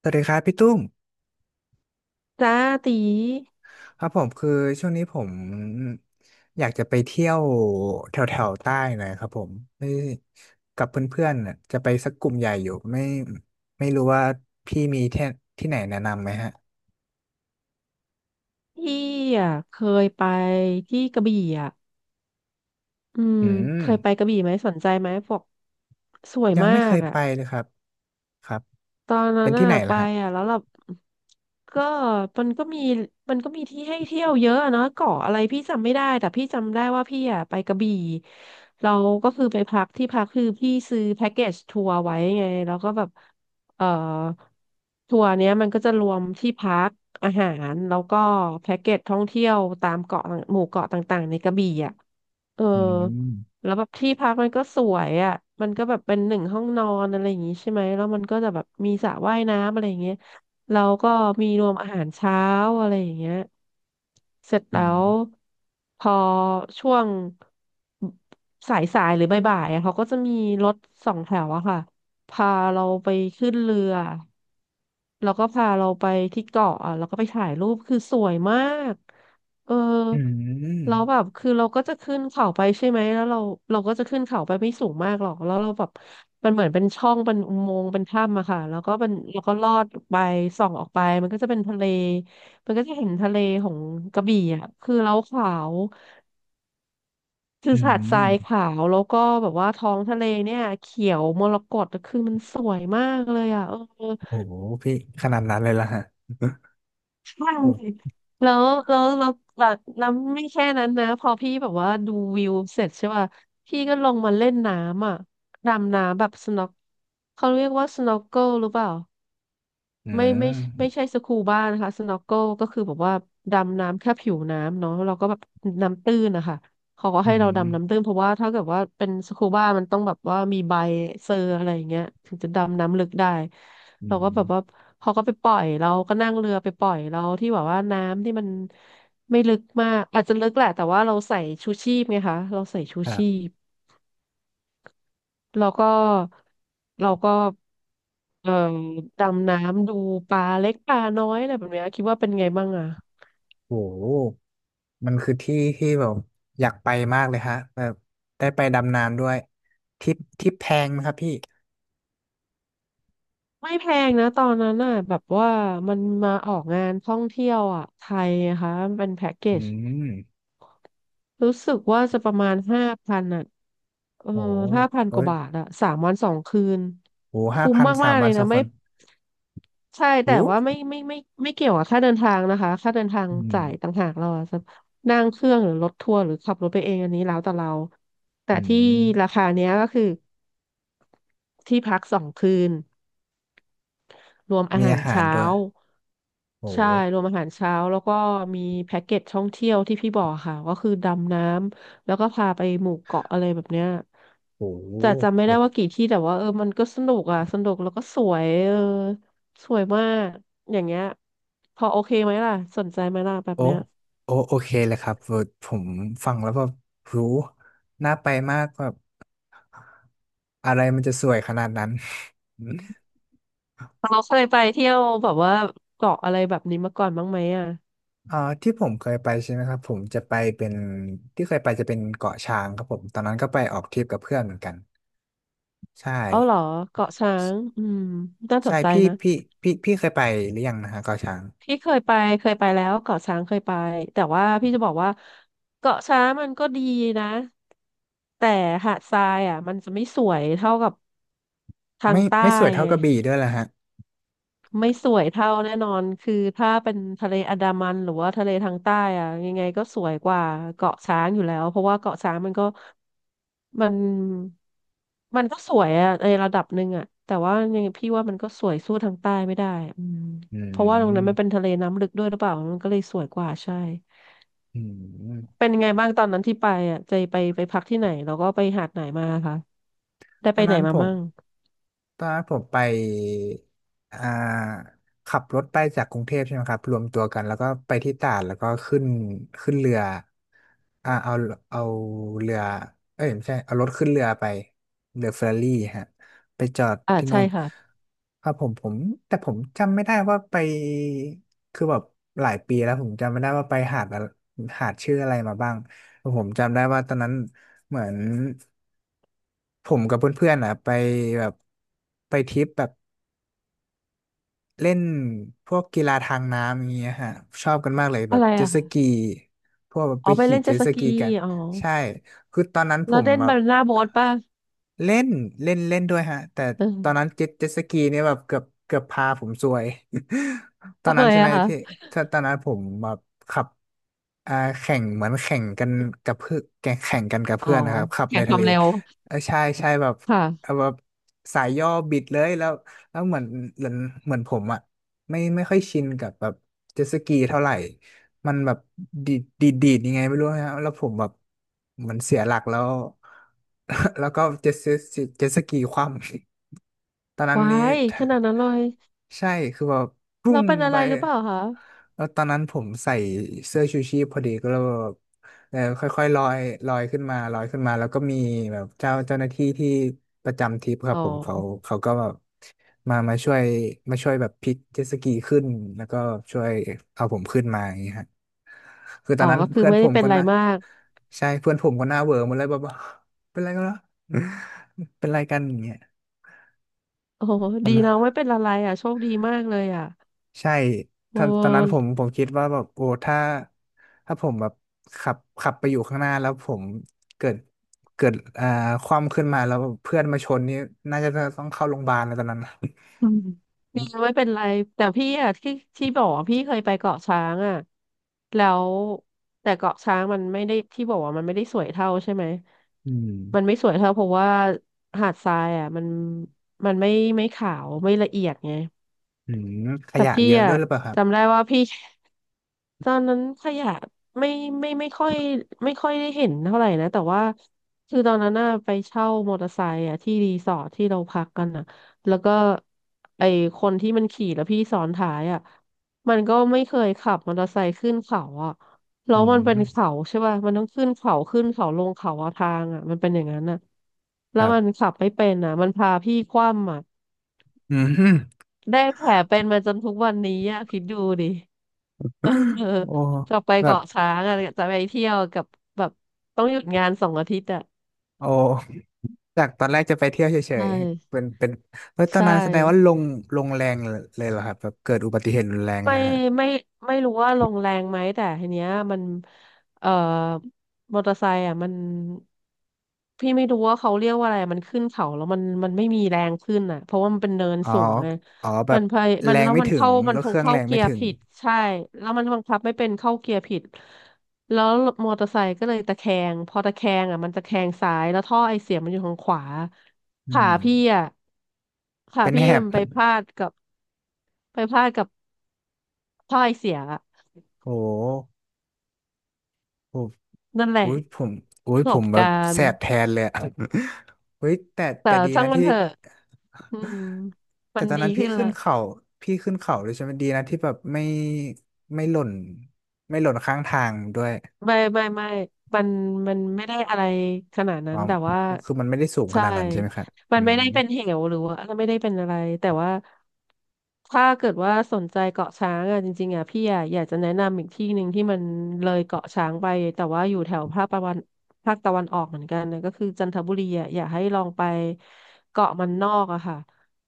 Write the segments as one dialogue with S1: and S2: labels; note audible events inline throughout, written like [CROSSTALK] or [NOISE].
S1: สวัสดีครับพี่ตุ้ม
S2: จ้าตี
S1: ครับผมคือช่วงนี้ผมอยากจะไปเที่ยวแถวแถวใต้หน่อยครับผมไม่กับเพื่อนๆน่ะจะไปสักกลุ่มใหญ่อยู่ไม่รู้ว่าพี่มีที่ที่ไหนแนะนำไหมฮะ
S2: พี่อ่ะเคยไปที่กระบี่อ่ะอืม
S1: อื
S2: เค
S1: ม
S2: ยไปกระบี่ไหมสนใจไหมบอกสวย
S1: ยัง
S2: มา
S1: ไม่เค
S2: ก
S1: ย
S2: อ่ะ
S1: ไปเลยครับครับ
S2: ตอนนั้
S1: เป็
S2: น
S1: นที่
S2: น่ะ
S1: ไหน
S2: ไป
S1: ล่ะฮะ
S2: อ่ะแล้วแบบก็มันก็มีมันก็มีที่ให้เที่ยวเยอะอะเนาะเกาะอะไรพี่จำไม่ได้แต่พี่จำได้ว่าพี่อ่ะไปกระบี่เราก็คือไปพักที่พักคือพี่ซื้อแพ็กเกจทัวร์ไว้ไงแล้วก็แบบเอ่อทัวร์เนี้ยมันก็จะรวมที่พักอาหารแล้วก็แพ็กเกจท่องเที่ยวตามเกาะต่างหมู่เกาะต่างๆในกระบี่อ่ะเออ
S1: อืม
S2: แล้วแบบที่พักมันก็สวยอ่ะมันก็แบบเป็นหนึ่งห้องนอนอะไรอย่างงี้ใช่ไหมแล้วมันก็จะแบบมีสระว่ายน้ำอะไรอย่างเงี้ยแล้วก็มีรวมอาหารเช้าอะไรอย่างเงี้ยเสร็จแล้
S1: อืม
S2: วพอช่วงสายหรือบ่ายๆอะเขาก็จะมีรถสองแถวอะค่ะพาเราไปขึ้นเรือ แล้วก็พาเราไปที่เกาะอ่ะแล้วก็ไปถ่ายรูปคือสวยมากเออ
S1: อืม
S2: แล้วแบบคือเราก็จะขึ้นเขาไปใช่ไหมแล้วเราก็จะขึ้นเขาไปไม่สูงมากหรอกแล้วเราแบบมันเหมือนเป็นช่องเป็นอุโมงค์เป็นถ้ำอะค่ะแล้วก็มันแล้วก็ลอดไปส่องออกไปมันก็จะเป็นทะเลมันก็จะเห็นทะเลของกระบี่อ่ะคือเราขาวคื
S1: อื
S2: อหาด
S1: ม
S2: ทรายขาวแล้วก็แบบว่าท้องทะเลเนี่ยเขียวมรกตคือมันสวยมากเลยอ่ะเออ
S1: โอ้โหพี่ขนาดนั้นเลยล่ะฮะ
S2: ใช่
S1: โอ้
S2: แล้วแบบน้ำไม่แค่นั้นนะพอพี่แบบว่าดูวิวเสร็จใช่ป่ะพี่ก็ลงมาเล่นน้ำอ่ะดำน้ำแบบสน็อกเขาเรียกว่าสน็อกเกิลหรือเปล่า
S1: อื
S2: ไม่
S1: ม
S2: ไม่ไม่ใช่สกูบ้านะคะสโนว์เกิลก็คือแบบว่าดำน้ำแค่ผิวน้ำเนาะเราก็แบบน้ำตื้นนะคะเขาก็
S1: อื
S2: ให้เรา
S1: ม
S2: ดำน้ำตื้นเพราะว่าถ้าเกิดว่าเป็นสกูบ้ามันต้องแบบว่ามีใบเซอร์อะไรอย่างเงี้ยถึงจะดำน้ำลึกได้
S1: อื
S2: เราก็แบ
S1: ม
S2: บว่าเขาก็ไปปล่อยเราก็นั่งเรือไปปล่อยเราที่แบบว่าน้ำที่มันไม่ลึกมากอาจจะลึกแหละแต่ว่าเราใส่ชูชีพไงคะเราใส่ชู
S1: ครั
S2: ชี
S1: บ
S2: พ แล้วก็เราก็เอ่อดำน้ำดูปลาเล็กปลาน้อยอะไรแบบเนี้ยคิดว่าเป็นไงบ้างอ่ะ
S1: โอ้ มันคือที่ที่แบบอยากไปมากเลยฮะแบบได้ไปดำน้ำด้วยทริปแพงไหมครับพี่
S2: ไม่แพงนะตอนนั้นน่ะแบบว่ามันมาออกงานท่องเที่ยวอ่ะไทยนะคะมันเป็นแพ็กเก
S1: อื
S2: จ
S1: ม
S2: รู้สึกว่าจะประมาณห้าพันอ่ะเออ
S1: โห
S2: ห้าพัน
S1: โอ้
S2: กว่า
S1: ย
S2: บาทอ่ะ3 วัน 2 คืน
S1: โหห้า
S2: คุ้ม
S1: พันสา
S2: มา
S1: ม
S2: กๆเล
S1: วัน
S2: ย
S1: สอ
S2: นะ
S1: งค
S2: ไม่
S1: น
S2: ใช่แต่
S1: โห
S2: ว่าไม่เกี่ยวกับค่าเดินทางนะคะค่าเดินทาง
S1: อืม
S2: จ่ายต่างหากเราอะจะนั่งเครื่องหรือรถทัวร์หรือขับรถไปเองอันนี้แล้วแต่เราแต่
S1: อื
S2: ที่รา
S1: ม
S2: คาเนี้ยก็คือที่พักสองคืน รวมอา
S1: มี
S2: หาร
S1: อาหาร
S2: เช้า
S1: ด้วยโห
S2: ใช่รวมอาหารเช้าแล้วก็มีแพ็กเกจท่องเที่ยวที่พี่บอกค่ะก็คือดำน้ำแล้วก็พาไปหมู่เกาะอะไรแบบเนี้ย
S1: โห
S2: แต่จำไม่
S1: โห
S2: ได้ว่ากี่ที่แต่ว่าเออมันก็สนุกอ่ะสนุกแล้วก็สวยเออสวยมากอย่างเงี้ยพอโอเคไหมล่ะสนใจไหมล่ะแบบ
S1: โอ้
S2: เนี้ย
S1: โอโอเคเลยครับเออผมฟังแล้วแบบหูน่าไปมากแบบอะไรมันจะสวยขนาดนั้น
S2: เราเคยไปเที่ยวแบบว่าเกาะอะไรแบบนี้มาก่อนบ้างไหมอ่ะ
S1: อ่าที่ผมเคยไปใช่ไหมครับผมจะไปเป็นที่เคยไปจะเป็นเกาะช้างครับผมตอนนั้นก็ไปออกทริปกับเพื่อนเหมือนกันใช่
S2: เอาเหรอเกาะช้างอืมน่าส
S1: ใช่
S2: นใจ
S1: พี่
S2: นะ
S1: พี่พี่พี่เคยไปหรือยังนะฮะเกาะช้าง
S2: พี่เคยไปเคยไปแล้วเกาะช้างเคยไปแต่ว่าพี่จะบอกว่าเกาะช้างมันก็ดีนะแต่หาดทรายอ่ะมันจะไม่สวยเท่ากับทาง
S1: ไม่
S2: ใต้
S1: ไม่สวยเท่า
S2: ไง
S1: กระบี่ด้วยละฮะ
S2: ไม่สวยเท่าแน่นอนคือถ้าเป็นทะเลอันดามันหรือว่าทะเลทางใต้อะยังไงก็สวยกว่าเกาะช้างอยู่แล้วเพราะว่าเกาะช้างมันก็มันมันก็สวยอะในระดับหนึ่งอะแต่ว่ายังไงพี่ว่ามันก็สวยสู้ทางใต้ไม่ได้อืม
S1: อื
S2: เพราะว่าตรงนั้นมันเป็น
S1: ม
S2: ทะเลน้ำลึกด้วยหรือเปล่ามันก็เลยสวยกว่าใช่
S1: อืม
S2: เป็นยังไงบ้างตอนนั้นที่ไปอะใจไปพักที่ไหนแล้วก็ไปหาดไหนมาคะได้
S1: ต
S2: ไป
S1: อน
S2: ไหน
S1: นั้น
S2: มา
S1: ผม
S2: มั่ง
S1: ตอนนั้นผมไปอ่าขับรถไปจากกรุงเทพใช่ไหมครับรวมตัวกันแล้วก็ไปที่ตราดแล้วก็ขึ้นเรืออ่าเอาเอาเรือเอ้ยไม่ใช่เอารถขึ้นเรือไปเรือเฟอร์รารี่ฮะไปจอด
S2: อ่า
S1: ที่นู่
S2: ใช่
S1: น
S2: ค่ะ
S1: ครับผมแต่ผมจำไม่ได้ว่าไปคือแบบหลายปีแล้วผมจำไม่ได้ว่าไปหาดอะหาดชื่ออะไรมาบ้าง ผมจำได้ว่าตอนนั้นเหมือนผมกับเพื่อนๆอ่ะไปแบบไปทริปแบบ เล่นพวกกีฬาทางน้ำอย่างเงี้ยฮะชอบกันมากเลยแบ
S2: อะ
S1: บ
S2: ไร
S1: เจ็ต
S2: อะ
S1: ส
S2: คะ
S1: กีพวกแบบ
S2: อ๋
S1: ไป
S2: อไป
S1: ขี่
S2: เล่นเจ็
S1: เจ็
S2: ต
S1: ต
S2: ส
S1: ส
S2: กี
S1: กีกัน
S2: อ๋อ
S1: ใช่คือตอนนั้นผ
S2: แล้ว
S1: ม
S2: เด้น
S1: แบบ
S2: บานาน่าโบ๊ทป่ะ
S1: เล่นเล่นเล่นด้วยฮะแต่
S2: เ
S1: ตอนนั้น
S2: ออ
S1: เจ็ตสกีเนี่ยแบบเกือบพาผมซวย [LAUGHS] ตอน
S2: ทำ
S1: นั้
S2: ไม
S1: นใช่ไหม
S2: อะคะ
S1: ที่ถ้าตอนนั้นผมแบบขับอ่าแข่งเหมือนแข่งกันกับเพื่อนแข่งกันกับ
S2: อ๋อ
S1: เพื่อนนะครับขับ
S2: แข่
S1: ใน
S2: งค
S1: ทะ
S2: วา
S1: เล
S2: มเร็ว
S1: เออใช่ใช่แบบเอา
S2: ค่ะ
S1: แบบสายย่อบิดเลยแล้ว แล้วเหมือนเหมือนเหมือนผมอ่ะไม่ค่อยชินกับแบบเจ็ตสกีเท่าไหร่ มันแบบดีดยังไงไม่รู้นะแล้วผมแบบเหมือนเสียหลักแล้ว [LAUGHS] แล้วก็เจ็ตสกีคว่ำ ตอนนั้น
S2: ว้า
S1: นี้
S2: ยขนาดนั้นเลย
S1: [LAUGHS] ใช่คือแบบปุ้
S2: เรา
S1: ง
S2: เป็นอะ
S1: ไป
S2: ไรหรือเปล่าคะ
S1: แล้วตอนนั้นผมใส่เสื้อชูชีพพอดีก็เลยแบบเออค่อยๆลอยลอยขึ้นมาแล้วก็มีแบบเจ้าหน้าที่ที่ประจำทริปครั
S2: อ๋
S1: บ
S2: อ
S1: ผมเขาก็แบบมามาช่วยมาช่วยแบบพลิกเจ็ตสกีขึ้นแล้วก็ช่วยเอาผมขึ้นมาอย่างเงี้ยฮะคือต
S2: อ๋
S1: อ
S2: อ
S1: นนั้น
S2: ก็คือ
S1: เพื่อน
S2: ไม่
S1: ผ
S2: ได้
S1: ม
S2: เป็น
S1: ก็
S2: อะไร
S1: น่า
S2: มาก
S1: ใช่เพื่อนผมก็หน้าเหวอหมดเลยแบบอกเป็นไรกันเหรอเป็นไรกันอย่างเงี้ย
S2: โอ้โหดีนะ ไม่เป็นอะไรอ่ะโชคดีมากเลยอ่ะ
S1: ใช่ต
S2: โอ้
S1: อนตอนนั้นผมคิดว่าแบบโอ้ถ้าผมแบบขับไปอยู่ข้างหน้าแล้วผมเกิดเกิดคว่ำขึ้นมาแล้วเพื่อนมาชนนี่น่าจะต้องเข้าโรงพยาบาลเลยตอนนั้น
S2: อืมมีไม่เป็นไรแต่พี่อะที่บอกว่าพี่เคยไปเกาะช้างอะแล้วแต่เกาะช้างมันไม่ได้ที่บอกว่ามันไม่ได้สวยเท่าใช่ไหม
S1: อืม
S2: มันไม่สวยเท่าเพราะว่าหาดทรายอะมันไม่ขาวไม่ละเอียดไง
S1: อืมข
S2: แต่
S1: ยะ
S2: พี่
S1: เยอะ
S2: อะ
S1: ด้วยหรือเปล่าครับ
S2: จำได้ว่าพี่ ตอนนั้นขยะไม่ไม่ไม่ค่อยไม่ค่อยได้เห็นเท่าไหร่นะแต่ว่าคือตอนนั้นน่ะไปเช่ามอเตอร์ไซค์อ่ะที่รีสอร์ทที่เราพักกันอ่ะแล้วก็ไอคนที่มันขี่แล้วพี่ซ้อนท้ายอ่ะมันก็ไม่เคยขับมอเตอร์ไซค์ขึ้นเขาอ่ะแล้
S1: อื
S2: วมันเป็น
S1: ม
S2: เขาใช่ป่ะมันต้องขึ้นเขาลงเขาอะทางอ่ะมันเป็นอย่างนั้นอ่ะ
S1: ค
S2: แล้ว
S1: รั
S2: มัน
S1: บ
S2: ขับไม่เป็นอ่ะมันพาพี่คว่ำอ่ะ
S1: อืม
S2: ได้แผลเป็นมาจนทุกวันนี้อ่ะคิดดูดิ [LAUGHS] เออ
S1: โอ้
S2: จะไป
S1: แบบ
S2: เกาะช้างอะจะไปเที่ยวกับแบบต้องหยุดงาน2 อาทิตย์อ่ะ
S1: โอ้จากตอนแรกจะไปเที่ยวเฉ
S2: ใช่
S1: ยๆเป็นเฮ้ยตอน
S2: ใช่
S1: นั้นแสดงว่าลงแรงเลยเหรอครับแบบเกิดอุบัติเหตุรุนแรง
S2: ไม่
S1: แล้ว
S2: ไม่ไม่รู้ว่าลงแรงไหมแต่ทีเนี้ยมันเอ่อมอเตอร์ไซค์อ่ะมันพี่ไม่รู้ว่าเขาเรียกว่าอะไรมันขึ้นเขาแล้วมันไม่มีแรงขึ้นอ่ะเพราะว่ามันเป็นเนิน
S1: อ๋อ
S2: สูงไง
S1: อ๋อแบ
S2: มั
S1: บ
S2: นพยมั
S1: แร
S2: น
S1: ง
S2: แล้ว
S1: ไม่
S2: มัน
S1: ถึง
S2: เข้ามั
S1: ร
S2: น
S1: ถ
S2: ค
S1: เค
S2: ง
S1: รื่อง
S2: เข้า
S1: แรง
S2: เกี
S1: ไม่
S2: ยร์
S1: ถึง
S2: ผิดใช่แล้วมันบังคับไม่เป็นเข้าเกียร์ผิดแล้วมอเตอร์ไซค์ก็เลยตะแคงพอตะแคงอ่ะมันตะแคงซ้ายแล้วท่อไอเสียมันอยู่ทางขวา
S1: อื
S2: ขา
S1: ม
S2: พี่อ่ะขา
S1: เป็น
S2: พี่
S1: แห
S2: มั
S1: บ
S2: นไปพลาดกับ พ่อยเสียอะ
S1: โอ้โหโอ้
S2: นั่นแหละ
S1: อุ้ยผมอุ้
S2: ป
S1: ย
S2: ระส
S1: ผ
S2: บ
S1: มแบ
S2: กา
S1: บ
S2: ร
S1: แส
S2: ณ์
S1: บแทนเลยอะ [LAUGHS] เฮ้ยแต่
S2: แต่
S1: แต่ดี
S2: ช่าง
S1: นะ
S2: มัน
S1: ที่
S2: เถอะอืม
S1: [LAUGHS]
S2: มั
S1: แต่
S2: น
S1: ตอน
S2: ดี
S1: นั้นพี่
S2: ขึ้น
S1: ขึ้
S2: ละ
S1: นเขาพี่ขึ้นเขาด้วยใช่ไหมดีนะที่แบบไม่หล่นไม่หล่นข้างทางด้วย
S2: ไม่ไม่มันมันไม่ได้อะไรขนาด
S1: อ๋
S2: นั้
S1: อ
S2: นแต่ว่า
S1: คือมันไม่ได้สูงข
S2: ใช่
S1: นาดนั้นใช่ไหมครับ
S2: มั
S1: อื
S2: นไม่
S1: ม
S2: ได้เป็นเหวหรือว่าไม่ได้เป็นอะไรแต่ว่าถ้าเกิดว่าสนใจเกาะช้างอ่ะจริงๆอ่ะพี่อ่ะอยากจะแนะนำอีกที่หนึ่งที่มันเลยเกาะช้างไปแต่ว่าอยู่แถวภาคตะวันออกเหมือนกันนะก็คือจันทบุรีอ่ะอยากให้ลองไปเกาะมันนอกอะค่ะ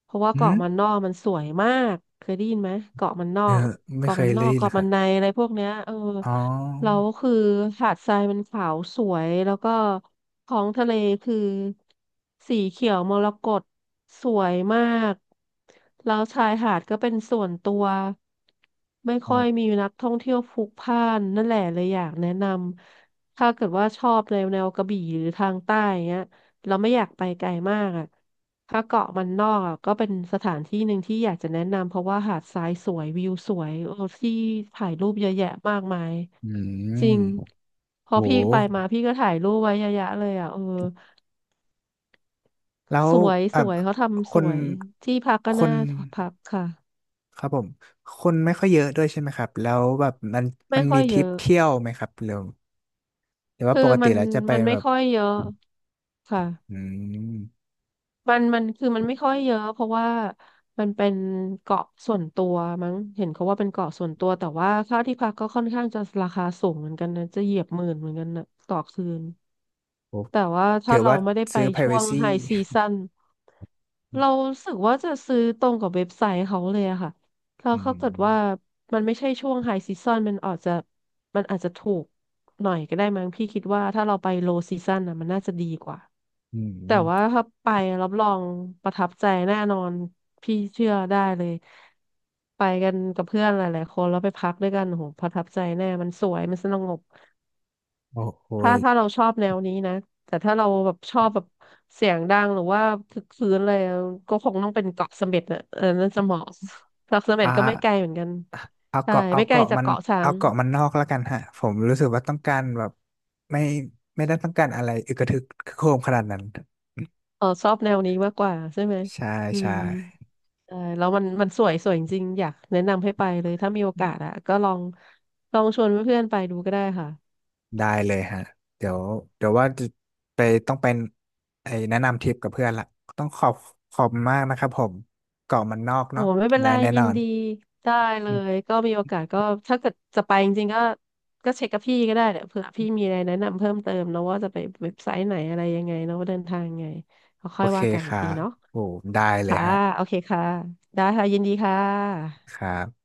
S2: เพราะว่า
S1: อื
S2: เกาะ
S1: ม
S2: มันนอกมันสวยมากเคยได้ยินไหมเกาะมันนอ
S1: เออ
S2: ก
S1: ไม่เคยเล่นเล
S2: เกาะ
S1: ย
S2: มันใน
S1: ค่ะ
S2: อะไรพวกเนี้ยเออ
S1: อ๋อ
S2: แล้วคือหาดทรายมันขาวสวยแล้วก็ท้องทะเลคือสีเขียวมรกตสวยมากแล้วชายหาดก็เป็นส่วนตัวไม่ค่อยมีนักท่องเที่ยวพลุกพล่านนั่นแหละเลยอยากแนะนำถ้าเกิดว่าชอบแนวกระบี่หรือทางใต้อย่างเงี้ยเราไม่อยากไปไกลมากอ่ะ ถ้าเกาะมันนอกอะก็เป็นสถานที่หนึ่งที่อยากจะแนะนำเพราะว่าหาดทรายสวยวิวสวยโอ้ที่ถ่ายรูปเยอะแยะมากมาย
S1: อื
S2: จริง
S1: ม
S2: พ
S1: โห
S2: อพี่ไปมาพี่ก็ถ่ายรูปไว้เยอะแยะเลยอ่ะเออ
S1: แล้ว
S2: สวยส
S1: อ่ะ
S2: วยเขา
S1: ค
S2: ทำส
S1: น
S2: วยที่พักก็
S1: ค
S2: น่า
S1: น
S2: พักค่ะ
S1: ครับผมคนไม่ค่อยเยอะด้วยใช่ไหมครับแล้วแบบมัน
S2: ไม่
S1: มัน
S2: ค่
S1: มี
S2: อย
S1: ท
S2: เย
S1: ริป
S2: อะ
S1: เที่ยวไหมครับหรือว่า
S2: คือ
S1: ปกติ
S2: มัน
S1: แล้วจะไป
S2: มันไม่
S1: แบบ
S2: ค่อยเยอะค่ะ
S1: อืม
S2: มันคือมันไม่ค่อยเยอะเพราะว่ามันเป็นเกาะส่วนตัวมั้งเห็นเขาว่าเป็นเกาะส่วนตัวแต่ว่าค่าที่พักก็ค่อนข้างจะราคาสูงเหมือนกันนะจะเหยียบหมื่นเหมือนกันนะต่อคืน
S1: โอ้
S2: แต่ว่าถ้า
S1: ถือ
S2: เรา
S1: ว่า
S2: ไม่ได้ไป
S1: ซื้อ
S2: ช่วง
S1: privacy
S2: ไฮซีซั่
S1: [LAUGHS]
S2: น เรารู้สึกว่าจะซื้อตรงกับเว็บไซต์เขาเลยอะค่ะแล้ว
S1: อื
S2: เขาเกิดว่า
S1: ม
S2: มันไม่ใช่ช่วงไฮซีซั o นมันอาจจะถูกหน่อยก็ได้มั้งพี่คิดว่าถ้าเราไปโลซีซั o นนะมันน่าจะดีกว่า
S1: อื
S2: แต่ว่า
S1: ม
S2: ถ้าไปรับรองประทับใจแน่นอนพี่เชื่อได้เลยไปกันกับเพื่อนหลายๆคนแล้วไปพักด้วยกันโอ้โหประทับใจแน่มันสวยมันสงบ
S1: โอ้โห
S2: ถ้า
S1: ย
S2: ถ้าเราชอบแนวนี้นะแต่ถ้าเราแบบชอบแบบเสียงดังหรือว่าคึกคืนอะไรอะก็คงต้องเป็นเกาะเสม็ดน่ะเออนั่นจะเหมาะเกาะเสม็ด
S1: อ่า
S2: ก็ไม่ไกลเหมือนกัน
S1: เอา
S2: ใช่
S1: เกาะเอา
S2: ไม่ไกล
S1: เกาะ
S2: จา
S1: มั
S2: ก
S1: น
S2: เกาะช้า
S1: เอา
S2: ง
S1: เกาะมันนอกแล้วกันฮะผมรู้สึกว่าต้องการแบบไม่ไม่ได้ต้องการอะไรอึกระทึกโครมขนาดนั้น
S2: เออชอบแนวนี้มากกว่าใช่ไหม
S1: ใช่
S2: อื
S1: ใช่
S2: มใช่แล้วมันสวยสวยจริงๆอยากแนะนำให้ไปเลยถ้ามีโอกาสอะก็ลองชวนเพื่อนๆไปดูก็ได้ค่ะ
S1: ได้เลยฮะเดี๋ยวเดี๋ยวว่าจะไปต้องเป็นไอ้แนะนำทริปกับเพื่อนละต้องขอบมากนะครับผมเกาะมันนอก
S2: โอ้
S1: เนาะ
S2: โหไม่เป็น
S1: ได้
S2: ไร
S1: แน่
S2: ยิ
S1: นอ
S2: น
S1: น
S2: ดีได้เลยก็มีโอกาสก็ถ้าเกิดจะไปจริงๆก็เช็คกับพี่ก็ได้เนี่ยเผื่อพี่มีอะไรแนะนำเพิ่มเติมเนอะว่าจะไปเว็บไซต์ไหนอะไรยังไงเนอะว่าเดินทางยังไงก็ค่
S1: โอ
S2: อย
S1: เค
S2: ว่ากัน
S1: ค
S2: อีก
S1: รั
S2: ที
S1: บ
S2: เนาะ
S1: โอ้ได้เลย
S2: ค่ะ
S1: ฮะ
S2: โอเคค่ะได้ค่ะยินดีค่ะ
S1: ครับ